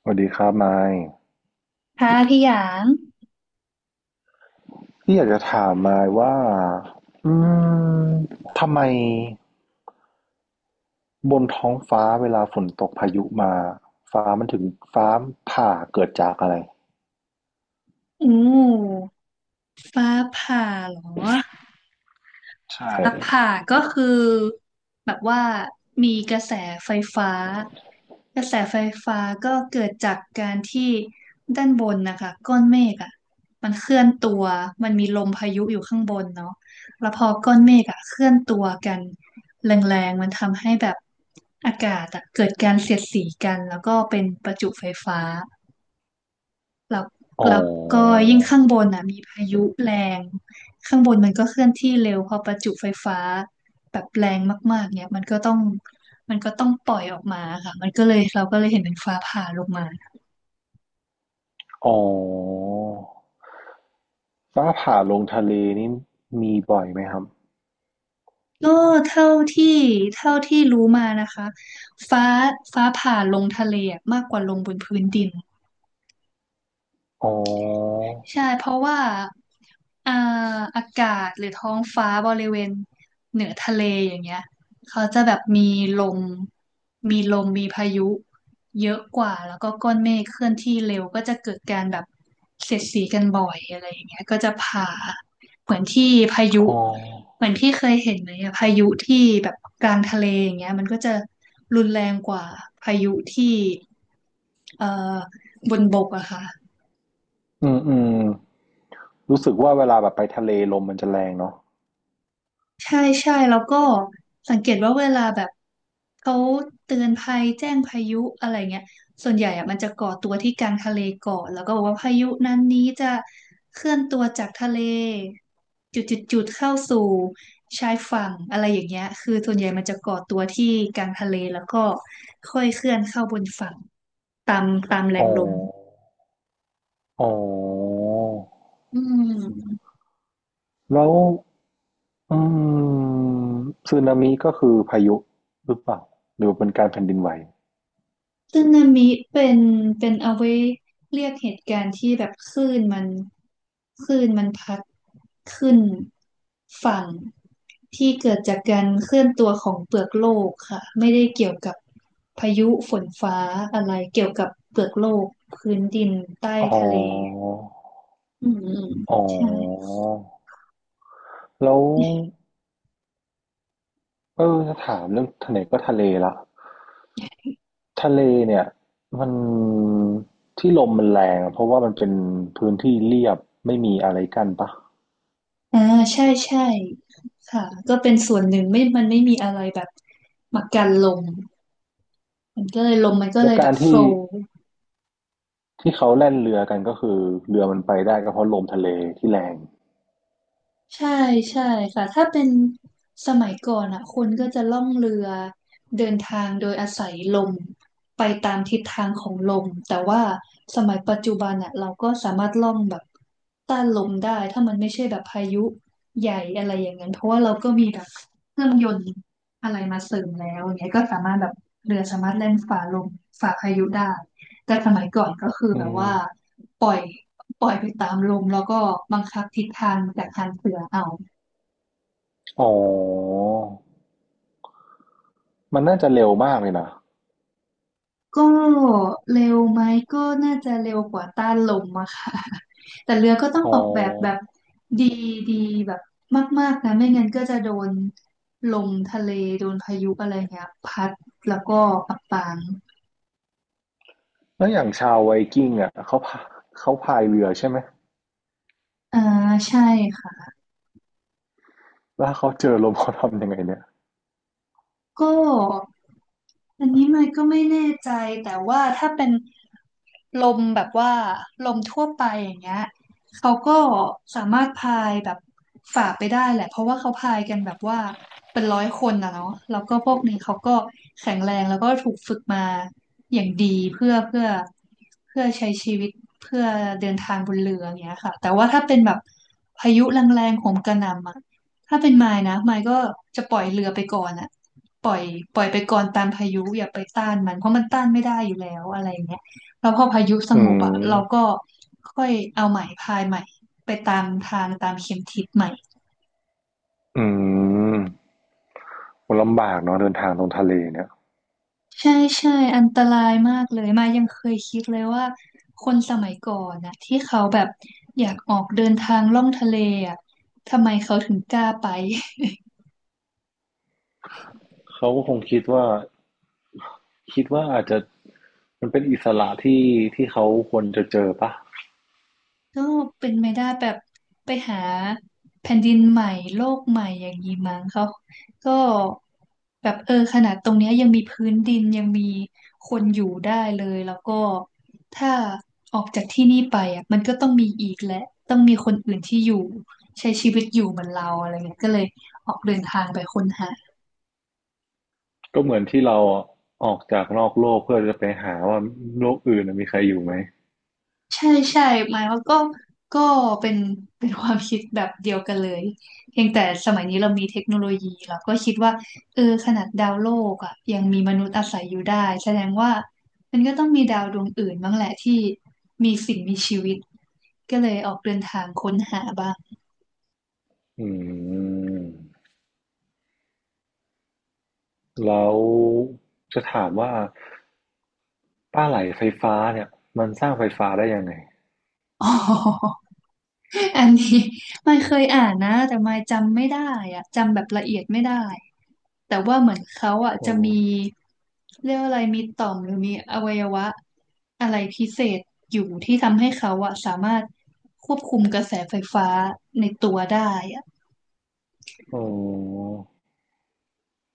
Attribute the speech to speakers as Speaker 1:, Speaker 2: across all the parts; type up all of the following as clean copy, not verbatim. Speaker 1: สวัสดีครับไมค์
Speaker 2: ค่ะพี่หยาง
Speaker 1: พี่อยากจะถามไมค์ว่าอืมทำไมบนท้องฟ้าเวลาฝนตกพายุมาฟ้ามันถึงฟ้าผ่าเกิดจากอะไร
Speaker 2: อูมฟ้าผ่าเหรอ
Speaker 1: ใช่
Speaker 2: ฟ้าผ่าก็คือแบบว่ามีกระแสไฟฟ้ากระแสไฟฟ้าก็เกิดจากการที่ด้านบนนะคะก้อนเมฆอ่ะมันเคลื่อนตัวมันมีลมพายุอยู่ข้างบนเนาะแล้วพอก้อนเมฆอ่ะเคลื่อนตัวกันแรงๆมันทำให้แบบอากาศอะเกิดการเสียดสีกันแล้วก็เป็นประจุไฟฟ้า แล้ว
Speaker 1: ออ๋
Speaker 2: แล้วก็
Speaker 1: อ
Speaker 2: ยิ่งข้างบนอ่ะมีพายุแรงข้างบนมันก็เคลื่อนที่เร็วพอประจุไฟฟ้าแบบแรงมากๆเนี่ยมันก็ต้องปล่อยออกมาค่ะมันก็เลยเราก็เลยเห็นเป็นฟ้าผ่าลงมา
Speaker 1: อ๋อฟ้าผ่าลงทะเลนี่มีบ่อยไหมครับ
Speaker 2: ก็เท่าที่เท่าที่รู้มานะคะฟ้าฟ้าผ่าลงทะเลอะมากกว่าลงบนพื้นดิน
Speaker 1: อ๋อ
Speaker 2: ใช่เพราะว่าอ่าอากาศหรือท้องฟ้าบริเวณเหนือทะเลอย่างเงี้ยเขาจะแบบลมมีลมมีพายุเยอะกว่าแล้วก็ก้อนเมฆเคลื่อนที่เร็วก็จะเกิดการแบบเสียดสีกันบ่อยอะไรอย่างเงี้ยก็จะผ่าเหมือนที่พายุ
Speaker 1: อ๋อ
Speaker 2: เหมือนพี่เคยเห็นไหมอะพายุที่แบบกลางทะเลอย่างเงี้ยมันก็จะรุนแรงกว่าพายุที่เอ่อบนบกอะค่ะ
Speaker 1: อืมอืมรู้สึกว่าเวลาแบบไปทะเลลมมันจะแรงเนาะ
Speaker 2: ใช่ใช่แล้วก็สังเกตว่าเวลาแบบเขาเตือนภัยแจ้งพายุอะไรเงี้ยส่วนใหญ่อะมันจะก่อตัวที่กลางทะเลก่อนแล้วก็บอกว่าพายุนั้นนี้จะเคลื่อนตัวจากทะเลจุดจุดจุดเข้าสู่ชายฝั่งอะไรอย่างเงี้ยคือส่วนใหญ่มันจะก่อตัวที่กลางทะเลแล้วก็ค่อยเคลื่อนเข้าบนฝั่งตามตามแร
Speaker 1: อ๋อ
Speaker 2: งลม
Speaker 1: อ๋อ
Speaker 2: อืม
Speaker 1: แล้ว อืมสึนามิก็คือพายุหรือเปล่าหรือเป็นการแผ่นดินไหว
Speaker 2: สึนามิเป็นเอาไว้เรียกเหตุการณ์ที่แบบคลื่นมันพัดขึ้นฝั่งที่เกิดจากการเคลื่อนตัวของเปลือกโลกค่ะไม่ได้เกี่ยวกับพายุฝนฟ้าอะไรเกี่ยวกับเปลือกโลกพื้นดินใต้
Speaker 1: อ๋อ
Speaker 2: ทะเลอืมอืม
Speaker 1: อ๋อ
Speaker 2: ใช่
Speaker 1: แล้วเออจะถามเรื่องทะเลก็ทะเลละทะเลเนี่ยมันที่ลมมันแรงอะเพราะว่ามันเป็นพื้นที่เรียบไม่มีอะไรกั้นปะ
Speaker 2: อ่าใช่ใช่ค่ะก็เป็นส่วนหนึ่งไม่มันไม่มีอะไรแบบมากันลมมันก็เลยลมมันก็เล
Speaker 1: และ
Speaker 2: ยแบ
Speaker 1: การ
Speaker 2: บโฟล
Speaker 1: ที่ที่เขาแล่นเรือกันก็คือเรือมันไปได้ก็เพราะลมทะเลที่แรง
Speaker 2: ใช่ใช่ค่ะถ้าเป็นสมัยก่อนอ่ะคนก็จะล่องเรือเดินทางโดยอาศัยลมไปตามทิศทางของลมแต่ว่าสมัยปัจจุบันอ่ะเราก็สามารถล่องแบบต้านลมได้ถ้ามันไม่ใช่แบบพายุใหญ่อะไรอย่างนั้นเพราะว่าเราก็มีแบบเครื่องยนต์อะไรมาเสริมแล้วอย่างเงี้ยก็สามารถแบบเรือสามารถแล่นฝ่าลมฝ่าพายุได้ แต่สมัยก่อนก็คือ
Speaker 1: อื
Speaker 2: แบบ
Speaker 1: ม
Speaker 2: ว่าปล่อยปล่อยไปตามลมแล้วก็บังคับทิศทางจากทางเสือเอา
Speaker 1: อ๋อมันน่าจะเร็วมากเลยนะ
Speaker 2: ก็เร็วไหมก็น่าจะเร็วกว่าต้านลมอะค่ะ แต่เรือก็ต้อง
Speaker 1: อ๋
Speaker 2: อ
Speaker 1: อ
Speaker 2: อกแบบแบบดีดีแบบมากๆนะไม่งั้นก็จะโดนลมทะเลโดนพายุอะไรเงี้ยพัดแล้วก็อับปาง
Speaker 1: แล้วอย่างชาวไวกิ้งอ่ะเขาพายเรือใช่ไหม
Speaker 2: อ่าใช่ค่ะ
Speaker 1: แล้วถ้าเขาเจอลมเขาทำยังไงเนี่ย
Speaker 2: ก็อันนี้มันก็ไม่แน่ใจแต่ว่าถ้าเป็นลมแบบว่าลมทั่วไปอย่างเงี้ยเขาก็สามารถพายแบบฝ่าไปได้แหละเพราะว่าเขาพายกันแบบว่าเป็นร้อยคนนะเนาะแล้วก็พวกนี้เขาก็แข็งแรงแล้วก็ถูกฝึกมาอย่างดีเพื่อเพื่อเพื่อใช้ชีวิตเพื่อเดินทางบนเรืออย่างเงี้ยค่ะแต่ว่าถ้าเป็นแบบพายุแรงๆโหมกระหน่ำอะ ถ้าเป็นมายนะมายก็จะปล่อยเรือไปก่อนอะปล่อยปล่อยไปก่อนตามพายุอย่าไปต้านมันเพราะมันต้านไม่ได้อยู่แล้วอะไรอย่างเงี้ยแล้วพอพายุส
Speaker 1: อื
Speaker 2: งบอะเรา
Speaker 1: ม
Speaker 2: ก็ค่อยเอาใหม่พายใหม่ไปตามทางตามเข็มทิศใหม่
Speaker 1: อืมมันลำบากเนาะเดินทางตรงทะเลเนี่ย
Speaker 2: ใช่ใช่อันตรายมากเลยมายยังเคยคิดเลยว่าคนสมัยก่อนนะที่เขาแบบอยากออกเดินทางล่องทะเลอะทำไมเขาถึงกล้าไป
Speaker 1: เขาก็คงคิดว่าอาจจะมันเป็นอิสระที่ที่เขาควรจะเจอปะ
Speaker 2: ก็เป็นไม่ได้แบบไปหาแผ่นดินใหม่โลกใหม่อย่างนี้มั้งเขาก็แบบเออขนาดตรงเนี้ยยังมีพื้นดินยังมีคนอยู่ได้เลยแล้วก็ถ้าออกจากที่นี่ไปอ่ะมันก็ต้องมีอีกและต้องมีคนอื่นที่อยู่ใช้ชีวิตอยู่เหมือนเราอะไรเงี้ยก็เลยออกเดินทางไปค้นหา
Speaker 1: ก็เหมือนที่เราออกจากนอกโลกเพื่อจะไปหาว่าโลกอื่นน่ะมีใครอยู่ไหม
Speaker 2: ใช่ใช่หมายว่าก็เป็นเป็นความคิดแบบเดียวกันเลยเพียงแต่สมัยนี้เรามีเทคโนโลยีเราก็คิดว่าเออขนาดดาวโลกอ่ะยังมีมนุษย์อาศัยอยู่ได้แสดงว่ามันก็ต้องมีดาวดวงอื่นบ้างแหละที่มีสิ่งมีชีวิตก็เลยออกเดินทางค้นหาบ้าง
Speaker 1: อืมแล้วจะถามว่าป้าไหลไฟฟ้าเนี่ยมันสร้างไฟฟ้าได้ยังไง
Speaker 2: อ๋อ อันนี้ ไม่เคยอ่านนะแต่ไม่จำไม่ได้อะจำแบบละเอียดไม่ได้แต่ว่าเหมือนเขาอ่ะ
Speaker 1: อ
Speaker 2: จะมีเรียกว่าอะไรมีต่อมหรือมีอวัยวะอะไรพิเศษอยู่ที่ทำให้เขาอ่ะสามารถควบคุมกระแสไฟฟ้าในตัวได้อะ
Speaker 1: อ๋อ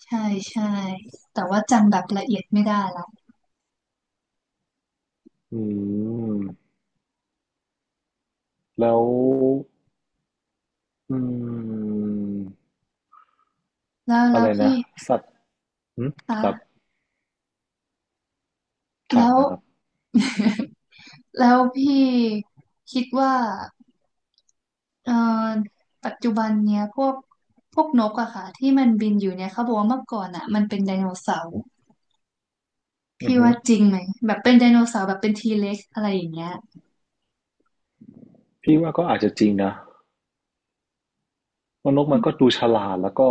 Speaker 2: ใช่ใช่แต่ว่าจำแบบละเอียดไม่ได้ละ
Speaker 1: อืมแล้วอืม
Speaker 2: แล้ว
Speaker 1: อะ
Speaker 2: แล้
Speaker 1: ไร
Speaker 2: ว
Speaker 1: นะ
Speaker 2: พี่
Speaker 1: สัตว์อืมครับ
Speaker 2: คะแล้
Speaker 1: ถาม
Speaker 2: ว
Speaker 1: นะครับ
Speaker 2: แล้วพี่คิดว่า เอ่อปัจจุบันเนี่ยพวกนกอะค่ะที่มันบินอยู่เนี่ยเขาบอกว่าเมื่อก่อนอะมันเป็นไดโนเสาร์
Speaker 1: อือ
Speaker 2: พี่
Speaker 1: ฮึ
Speaker 2: ว่าจริงไหมแบบเป็นไดโนเสาร์แบบเป็นทีเล็กอะไรอย่างเงี้ย
Speaker 1: พี่ว่าก็อาจจะจริงนะว่านกมันก็ดูฉลาดแล้วก็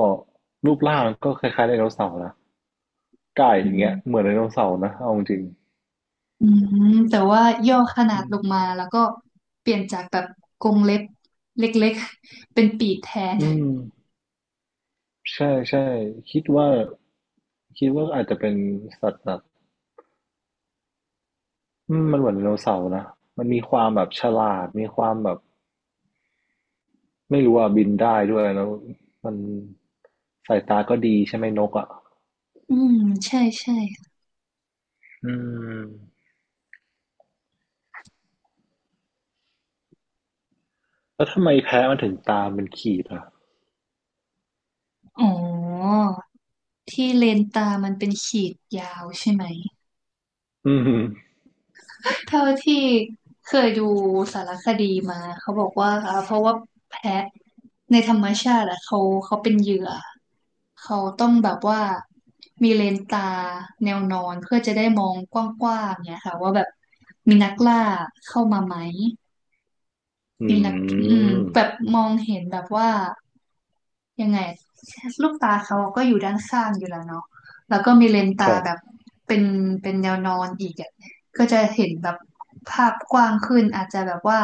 Speaker 1: รูปร่างก็คล้ายๆไดโนเสาร์นะไก่อ
Speaker 2: อื
Speaker 1: ย่างเงี้ยเห
Speaker 2: ม
Speaker 1: มือนไดโนเสาร์นะเอาจริง
Speaker 2: อืมแต่ว่าย่อข
Speaker 1: ๆ
Speaker 2: นา
Speaker 1: อื
Speaker 2: ด
Speaker 1: ม
Speaker 2: ลงมาแล้วก็เปลี่ยนจากแบบกรงเล็บเล็กๆเป็นปีกแทน
Speaker 1: อืมใช่ใช่คิดว่า อาจจะเป็นสัตว์แบบอืมมันเหมือนไดโนเสาร์นะมันมีความแบบฉลาดมีความแบบ ไม่รู้อ่ะบินได้ด้วยแล้วมันสายตาก็ดีใช่ไหมนกอ่ะ
Speaker 2: อืมใช่ใช่
Speaker 1: อืมแล้วทำไมแพะมันถึงตามเป็นขีดอ่ะ
Speaker 2: อ๋อที่เลนตามันเป็นขีดยาวใช่ไหม
Speaker 1: อืม
Speaker 2: เท่าที่เคยดูสารคดีมาเขาบอกว่าอ่าเพราะว่าแพะในธรรมชาติอะเขาเป็นเหยื่อเขาต้องแบบว่ามีเลนส์ตาแนวนอนเพื่อจะได้มองกว้างๆเนี่ยค่ะว่าแบบมีนักล่าเข้ามาไหม
Speaker 1: อื
Speaker 2: นี่แหละอืม
Speaker 1: ม
Speaker 2: แบบมองเห็นแบบว่ายังไงลูกตาเขาก็อยู่ด้านข้างอยู่แล้วเนาะแล้วก็มีเลนส์
Speaker 1: ค
Speaker 2: ตา
Speaker 1: รับ
Speaker 2: แบบเป็นเป็นแนวนอนอีกอ่ะก็จะเห็นแบบภาพกว้างขึ้น อาจจะแบบว่า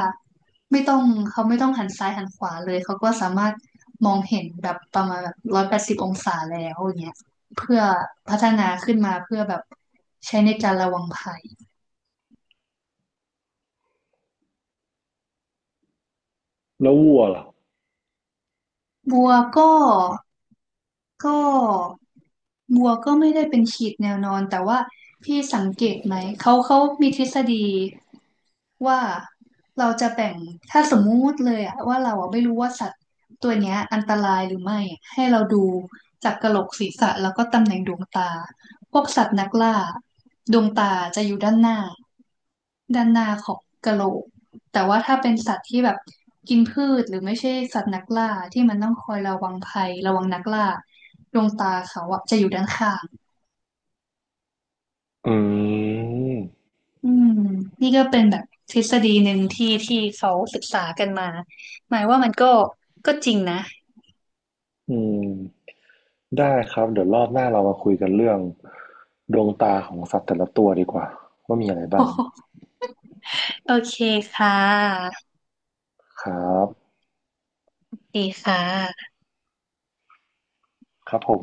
Speaker 2: ไม่ต้องเขาไม่ต้องหันซ้ายหันขวาเลย เขาก็สามารถมองเห็นแบบประมาณแบบ180องศาแล้วอย่างเงี้ยเพื่อพัฒนาขึ้นมาเพื่อแบบใช้ในการระวังภัย
Speaker 1: แล้ววัวล่ะ
Speaker 2: บัวก็ ก็บัวก็ไม่ได้เป็นขีดแนวนอนแต่ว่าพี่สังเกตไหมเขามีทฤษฎีว่าเราจะแบ่งถ้าสมมุติเลยอะว่าเราอะไม่รู้ว่าสัตว์ตัวเนี้ยอันตรายหรือไม่อะให้เราดูจากกะโหลกศีรษะแล้วก็ตำแหน่งดวงตา พวกสัตว์นักล่าดวงตาจะอยู่ด้านหน้าด้านหน้าของกะโหลกแต่ว่าถ้าเป็นสัตว์ที่แบบกินพืชหรือไม่ใช่สัตว์นักล่าที่มันต้องคอยระวังภัยระวังนักล่าดวงตาเขาอะจะอยู่ด้านข้าง
Speaker 1: อืม
Speaker 2: อืมนี่ก็เป็นแบบทฤษฎีหนึ่งที่เขาศึกษากันมาหมายว่ามันก็ก็จริงนะ
Speaker 1: อืมได้ครับเดี๋ยวรอบหน้าเรามาคุยกันเรื่องดวงตาของสัตว์แต่ละตัวดีกว่าว่ามีอะไรบ้าง
Speaker 2: โอเคค่ะ
Speaker 1: ครับ
Speaker 2: ดีค่ะ
Speaker 1: ครับผม